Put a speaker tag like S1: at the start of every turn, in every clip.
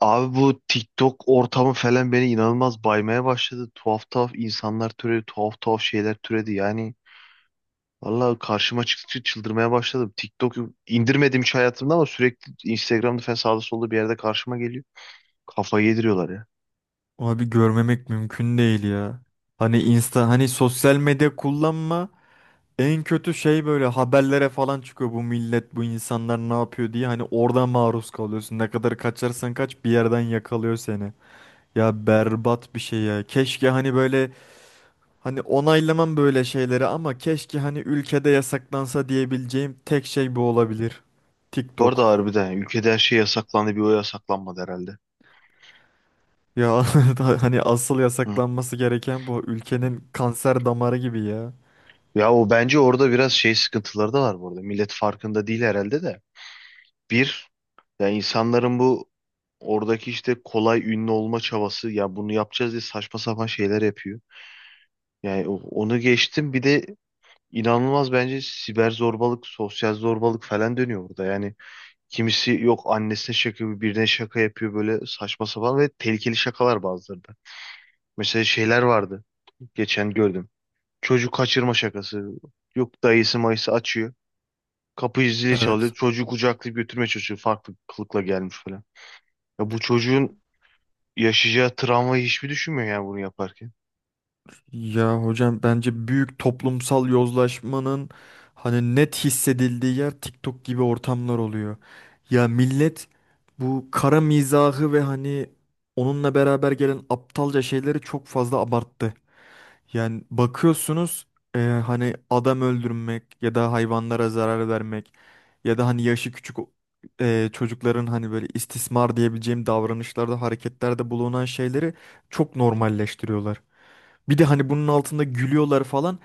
S1: Abi bu TikTok ortamı falan beni inanılmaz baymaya başladı. Tuhaf tuhaf insanlar türedi, tuhaf tuhaf şeyler türedi. Yani vallahi karşıma çıktıkça çıldırmaya başladım. TikTok'u indirmedim hiç hayatımda ama sürekli Instagram'da falan sağda solda bir yerde karşıma geliyor. Kafayı yediriyorlar ya.
S2: Abi görmemek mümkün değil ya. Hani insta hani sosyal medya kullanma en kötü şey böyle haberlere falan çıkıyor bu millet bu insanlar ne yapıyor diye hani oradan maruz kalıyorsun. Ne kadar kaçarsan kaç bir yerden yakalıyor seni. Ya berbat bir şey ya. Keşke hani hani onaylamam böyle şeyleri ama keşke hani ülkede yasaklansa diyebileceğim tek şey bu olabilir.
S1: Bu arada
S2: TikTok.
S1: harbiden ülkede her şey yasaklandı, bir o yasaklanmadı herhalde.
S2: Ya hani asıl
S1: Hı.
S2: yasaklanması gereken bu ülkenin kanser damarı gibi ya.
S1: Ya o bence orada biraz şey sıkıntıları da var bu arada. Millet farkında değil herhalde de. Bir, ya insanların bu oradaki işte kolay ünlü olma çabası, ya bunu yapacağız diye saçma sapan şeyler yapıyor. Yani onu geçtim, bir de inanılmaz bence siber zorbalık, sosyal zorbalık falan dönüyor burada. Yani kimisi yok annesine şaka yapıyor, birine şaka yapıyor, böyle saçma sapan ve tehlikeli şakalar bazıları da. Mesela şeyler vardı, geçen gördüm. Çocuk kaçırma şakası. Yok dayısı mayısı açıyor. Kapıyı zili çalıyor.
S2: Evet.
S1: Çocuğu kucaklayıp götürmeye çalışıyor. Farklı kılıkla gelmiş falan. Ya bu çocuğun yaşayacağı travmayı hiçbir düşünmüyor yani bunu yaparken.
S2: Ya hocam bence büyük toplumsal yozlaşmanın hani net hissedildiği yer TikTok gibi ortamlar oluyor. Ya millet bu kara mizahı ve hani onunla beraber gelen aptalca şeyleri çok fazla abarttı. Yani bakıyorsunuz, hani adam öldürmek ya da hayvanlara zarar vermek ya da hani yaşı küçük çocukların hani böyle istismar diyebileceğim davranışlarda hareketlerde bulunan şeyleri çok normalleştiriyorlar. Bir de hani bunun altında gülüyorlar falan.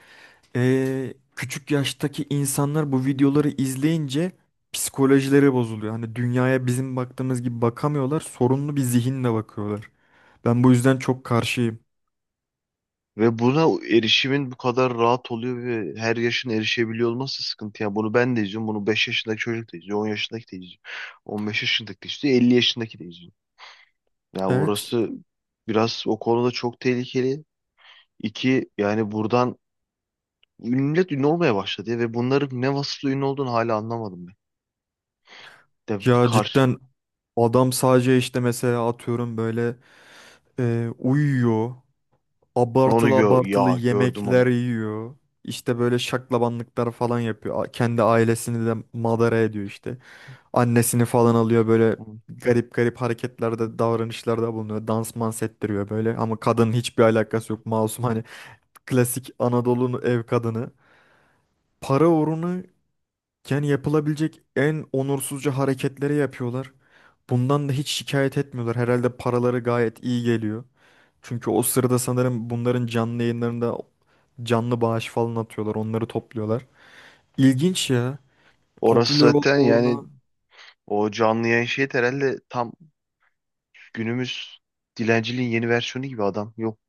S2: Küçük yaştaki insanlar bu videoları izleyince psikolojileri bozuluyor. Hani dünyaya bizim baktığımız gibi bakamıyorlar. Sorunlu bir zihinle bakıyorlar. Ben bu yüzden çok karşıyım.
S1: Ve buna erişimin bu kadar rahat oluyor ve her yaşın erişebiliyor olması sıkıntı. Yani bunu ben de izliyorum. Bunu 5 yaşındaki çocuk da izliyor. 10 yaşındaki de izliyor. 15 yaşındaki de izliyor. 50 yaşındaki de izliyor. Yani
S2: Evet.
S1: orası biraz o konuda çok tehlikeli. İki, yani buradan millet ünlü olmaya başladı ya, ve bunların ne vasıflı ünlü olduğunu hala anlamadım ben. De
S2: Ya
S1: karşı
S2: cidden adam sadece işte mesela atıyorum böyle uyuyor.
S1: onu
S2: Abartılı
S1: gör
S2: abartılı
S1: ya, gördüm
S2: yemekler
S1: onu.
S2: yiyor. İşte böyle şaklabanlıklar falan yapıyor. Kendi ailesini de madara ediyor işte. Annesini falan alıyor böyle
S1: Hı.
S2: garip garip hareketlerde, davranışlarda bulunuyor. Dans mans ettiriyor böyle ama kadının hiçbir alakası yok, masum, hani klasik Anadolu'nun ev kadını. Para uğruna yani yapılabilecek en onursuzca hareketleri yapıyorlar. Bundan da hiç şikayet etmiyorlar. Herhalde paraları gayet iyi geliyor. Çünkü o sırada sanırım bunların canlı yayınlarında canlı bağış falan atıyorlar. Onları topluyorlar. İlginç ya.
S1: Orası
S2: Popüler olma
S1: zaten yani
S2: uğruna.
S1: o canlı yayın şeyi de herhalde tam günümüz dilenciliğin yeni versiyonu gibi adam. Yok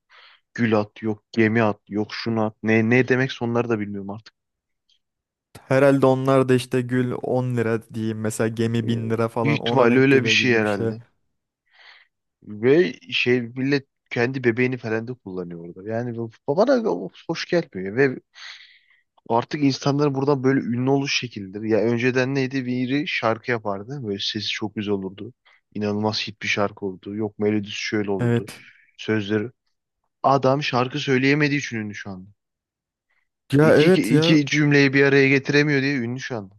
S1: gül at, yok gemi at, yok şunu at. Ne, ne demek sonları da bilmiyorum artık.
S2: Herhalde onlar da işte gül 10 lira diyeyim mesela,
S1: Ee,
S2: gemi 1.000 lira
S1: büyük
S2: falan ona
S1: ihtimalle
S2: denk
S1: öyle bir
S2: geliyor
S1: şey
S2: gibi bir şey.
S1: herhalde. Ve şey, millet kendi bebeğini falan da kullanıyor orada. Yani bana o hoş gelmiyor. Ve artık insanların buradan böyle ünlü oluş şekildir. Ya önceden neydi? Biri şarkı yapardı. Böyle sesi çok güzel olurdu. İnanılmaz hit bir şarkı olurdu. Yok melodisi şöyle olurdu.
S2: Evet.
S1: Sözleri. Adam şarkı söyleyemediği için ünlü şu anda.
S2: Ya
S1: İki,
S2: evet ya.
S1: cümleyi bir araya getiremiyor diye ünlü şu anda.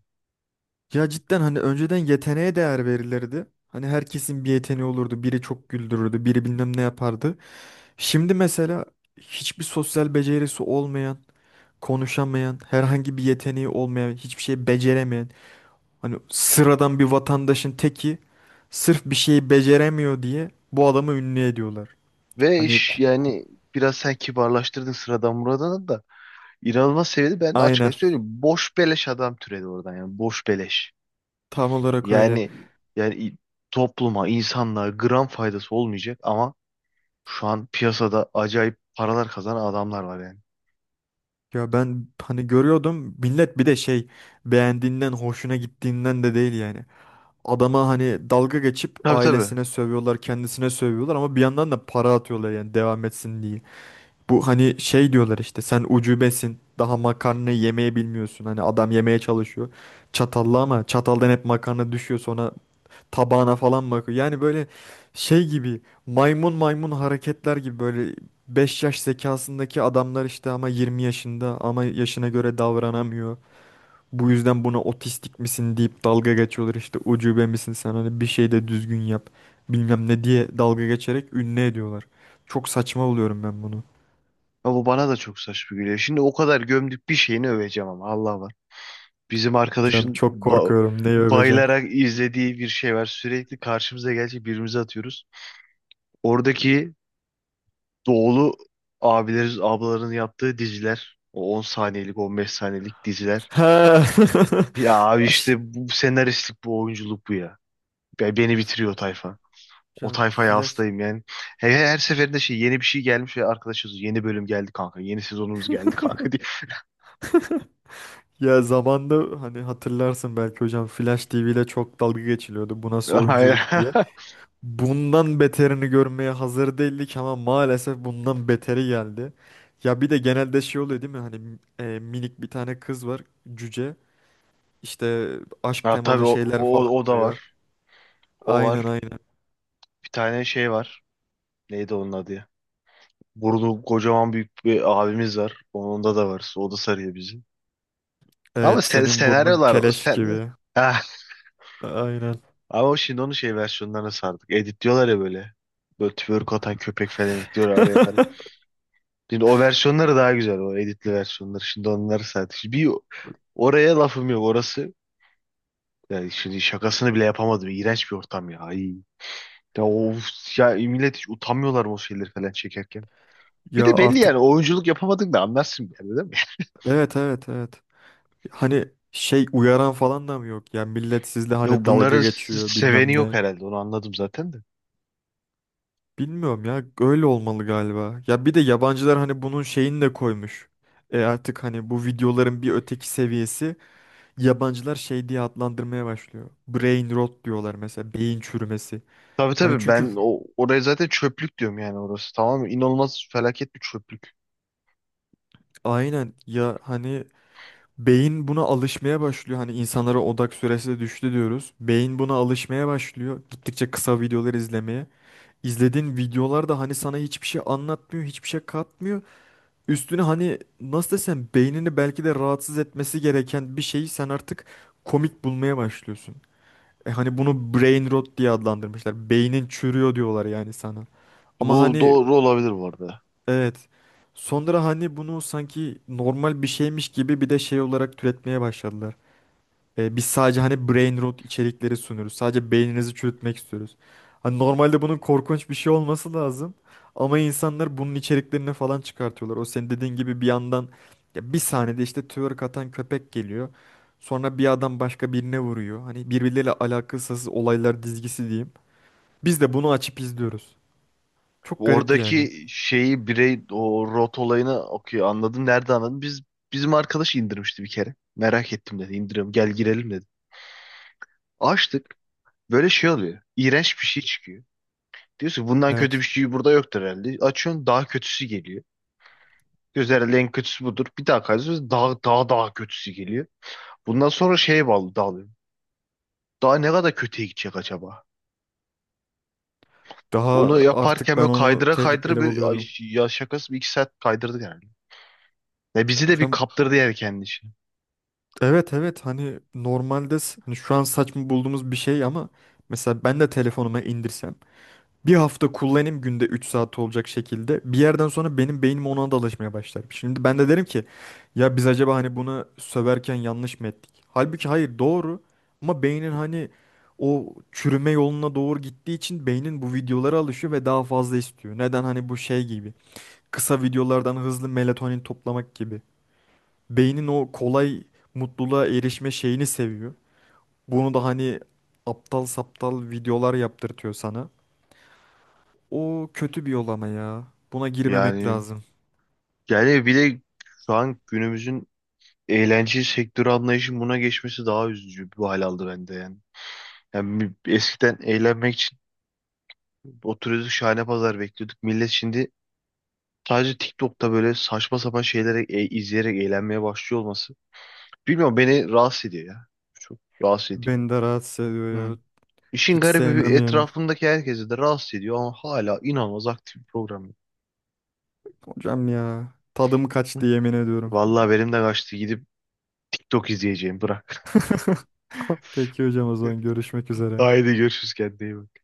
S2: Ya cidden hani önceden yeteneğe değer verilirdi. Hani herkesin bir yeteneği olurdu. Biri çok güldürürdü, biri bilmem ne yapardı. Şimdi mesela hiçbir sosyal becerisi olmayan, konuşamayan, herhangi bir yeteneği olmayan, hiçbir şey beceremeyen, hani sıradan bir vatandaşın teki sırf bir şeyi beceremiyor diye bu adamı ünlü ediyorlar.
S1: Ve
S2: Hani
S1: iş yani biraz sen kibarlaştırdın sıradan Murat'ını da, inanılmaz seviyede ben açık
S2: aynen,
S1: açık söyleyeyim. Boş beleş adam türedi oradan, yani boş beleş.
S2: tam olarak öyle.
S1: Yani, yani i- topluma, insanlığa gram faydası olmayacak ama şu an piyasada acayip paralar kazanan adamlar var yani.
S2: Ya ben hani görüyordum millet bir de şey beğendiğinden hoşuna gittiğinden de değil yani. Adama hani dalga geçip
S1: Tabii, tabii.
S2: ailesine sövüyorlar, kendisine sövüyorlar ama bir yandan da para atıyorlar yani devam etsin diye. Bu hani şey diyorlar işte, sen ucubesin, daha makarnayı yemeye bilmiyorsun. Hani adam yemeye çalışıyor çatalla ama çataldan hep makarna düşüyor, sonra tabağına falan bakıyor. Yani böyle şey gibi, maymun maymun hareketler gibi, böyle 5 yaş zekasındaki adamlar işte ama 20 yaşında, ama yaşına göre davranamıyor. Bu yüzden buna otistik misin deyip dalga geçiyorlar, işte ucube misin sen, hani bir şey de düzgün yap bilmem ne diye dalga geçerek ünlü ediyorlar. Çok saçma buluyorum ben bunu.
S1: Ya bu bana da çok saçma geliyor. Şimdi o kadar gömdük, bir şeyini öveceğim ama Allah var. Bizim
S2: Hocam
S1: arkadaşın
S2: çok korkuyorum, neyi öveceksin?
S1: bayılarak izlediği bir şey var. Sürekli karşımıza gelecek, birbirimize atıyoruz. Oradaki doğulu abilerin, ablaların yaptığı diziler. O 10 saniyelik, 15 saniyelik diziler.
S2: Ha.
S1: Ya abi, işte
S2: Aş-
S1: bu senaristlik, bu oyunculuk bu ya. Beni bitiriyor o tayfa. O
S2: Hocam,
S1: tayfaya hastayım yani. Her seferinde şey, yeni bir şey gelmiş ve arkadaşız, yeni bölüm geldi kanka. Yeni sezonumuz geldi kanka diye.
S2: ya zamanda hani hatırlarsın belki hocam, Flash TV ile çok dalga geçiliyordu bu nasıl
S1: Aynen.
S2: oyunculuk diye. Bundan beterini görmeye hazır değildik ama maalesef bundan beteri geldi. Ya bir de genelde şey oluyor değil mi? Hani minik bir tane kız var, cüce. İşte aşk
S1: Ha tabii
S2: temalı
S1: o,
S2: şeyler falan
S1: o, o da var.
S2: oluyor.
S1: O var.
S2: Aynen, aynen.
S1: Bir tane şey var. Neydi onun adı ya? Burada kocaman büyük bir abimiz var. Onda da var. O da sarıyor bizi. Ama
S2: Evet,
S1: sen,
S2: senin burnun
S1: senaryolar
S2: keleş
S1: sen
S2: gibi.
S1: ah,
S2: Aynen.
S1: ama şimdi onun şey versiyonlarına sardık. Editliyorlar ya böyle. Böyle twerk atan köpek falan ekliyorlar araya falan. Şimdi o versiyonları daha güzel, o editli versiyonları. Şimdi onları sardık. Şimdi bir, oraya lafım yok orası. Yani şimdi şakasını bile yapamadım. İğrenç bir ortam ya. Ay. Ya, of, ya millet hiç utanmıyorlar mı o şeyleri falan çekerken. Bir
S2: Ya
S1: de belli
S2: artık,
S1: yani, oyunculuk yapamadın da anlarsın yani, değil mi?
S2: evet, evet, evet. Hani şey uyaran falan da mı yok? Ya millet sizle
S1: Yo,
S2: hani dalga
S1: bunların
S2: geçiyor
S1: seveni
S2: bilmem
S1: yok
S2: ne.
S1: herhalde, onu anladım zaten de.
S2: Bilmiyorum ya, öyle olmalı galiba. Ya bir de yabancılar hani bunun şeyini de koymuş. E artık hani bu videoların bir öteki seviyesi, yabancılar şey diye adlandırmaya başlıyor. Brain rot diyorlar mesela, beyin çürümesi.
S1: Tabii,
S2: Hani
S1: tabii,
S2: çünkü
S1: ben o oraya zaten çöplük diyorum yani orası. Tamam, inanılmaz felaket bir çöplük.
S2: aynen ya hani beyin buna alışmaya başlıyor. Hani insanlara odak süresi de düştü diyoruz. Beyin buna alışmaya başlıyor. Gittikçe kısa videolar izlemeye. İzlediğin videolar da hani sana hiçbir şey anlatmıyor, hiçbir şey katmıyor. Üstüne hani nasıl desem, beynini belki de rahatsız etmesi gereken bir şeyi sen artık komik bulmaya başlıyorsun. E hani bunu brain rot diye adlandırmışlar. Beynin çürüyor diyorlar yani sana. Ama
S1: Bu
S2: hani
S1: doğru olabilir bu arada.
S2: evet, sonra hani bunu sanki normal bir şeymiş gibi bir de şey olarak türetmeye başladılar. E, biz sadece hani brain rot içerikleri sunuyoruz. Sadece beyninizi çürütmek istiyoruz. Hani normalde bunun korkunç bir şey olması lazım. Ama insanlar bunun içeriklerini falan çıkartıyorlar. O senin dediğin gibi bir yandan ya, bir saniyede işte twerk atan köpek geliyor. Sonra bir adam başka birine vuruyor. Hani birbirleriyle alakasız olaylar dizgisi diyeyim. Biz de bunu açıp izliyoruz. Çok garip yani.
S1: Oradaki şeyi birey o rot olayını okuyor. Anladın nerede anladın? Biz, bizim arkadaş indirmişti bir kere. Merak ettim dedi. İndiriyorum gel girelim dedi. Açtık. Böyle şey oluyor. İğrenç bir şey çıkıyor. Diyorsun ki, bundan kötü bir
S2: Evet.
S1: şey burada yoktur herhalde. Açıyorsun, daha kötüsü geliyor. Diyorsun herhalde en kötüsü budur. Bir daha kayıyorsun, daha daha daha kötüsü geliyor. Bundan sonra şeye bağlı dalıyorum. Daha ne kadar kötüye gidecek acaba?
S2: Daha
S1: Onu
S2: artık
S1: yaparken
S2: ben
S1: böyle
S2: onu
S1: kaydıra kaydıra
S2: tehlikeli
S1: bir ay,
S2: buluyorum.
S1: ya şakası bir iki saat kaydırdı yani. Ya bizi de bir
S2: Hocam
S1: kaptırdı yani kendi içine.
S2: Evet, evet, hani normalde hani şu an saçma bulduğumuz bir şey ama mesela ben de telefonuma indirsem, bir hafta kullanayım günde 3 saat olacak şekilde, bir yerden sonra benim beynim ona da alışmaya başlar. Şimdi ben de derim ki ya biz acaba hani buna söverken yanlış mı ettik? Halbuki hayır, doğru, ama beynin hani o çürüme yoluna doğru gittiği için beynin bu videolara alışıyor ve daha fazla istiyor. Neden hani bu şey gibi, kısa videolardan hızlı melatonin toplamak gibi. Beynin o kolay mutluluğa erişme şeyini seviyor. Bunu da hani aptal saptal videolar yaptırtıyor sana. O kötü bir yol ama ya. Buna girmemek
S1: Yani,
S2: lazım.
S1: yani bile şu an günümüzün eğlence sektörü anlayışının buna geçmesi daha üzücü bir hal aldı bende yani. Yani eskiden eğlenmek için oturuyorduk, şahane pazar bekliyorduk. Millet şimdi sadece TikTok'ta böyle saçma sapan şeyleri izleyerek eğlenmeye başlıyor olması. Bilmiyorum, beni rahatsız ediyor ya. Çok rahatsız ediyor.
S2: Beni de rahatsız ediyor
S1: Hı.
S2: ya.
S1: İşin
S2: Hiç
S1: garibi,
S2: sevmem yani.
S1: etrafındaki herkesi de rahatsız ediyor ama hala inanılmaz aktif bir program.
S2: Hocam ya, tadım
S1: Hı.
S2: kaçtı yemin ediyorum.
S1: Vallahi benim de kaçtı. Gidip TikTok izleyeceğim. Bırak.
S2: Peki hocam o zaman, görüşmek üzere.
S1: Haydi görüşürüz, kendine iyi bak.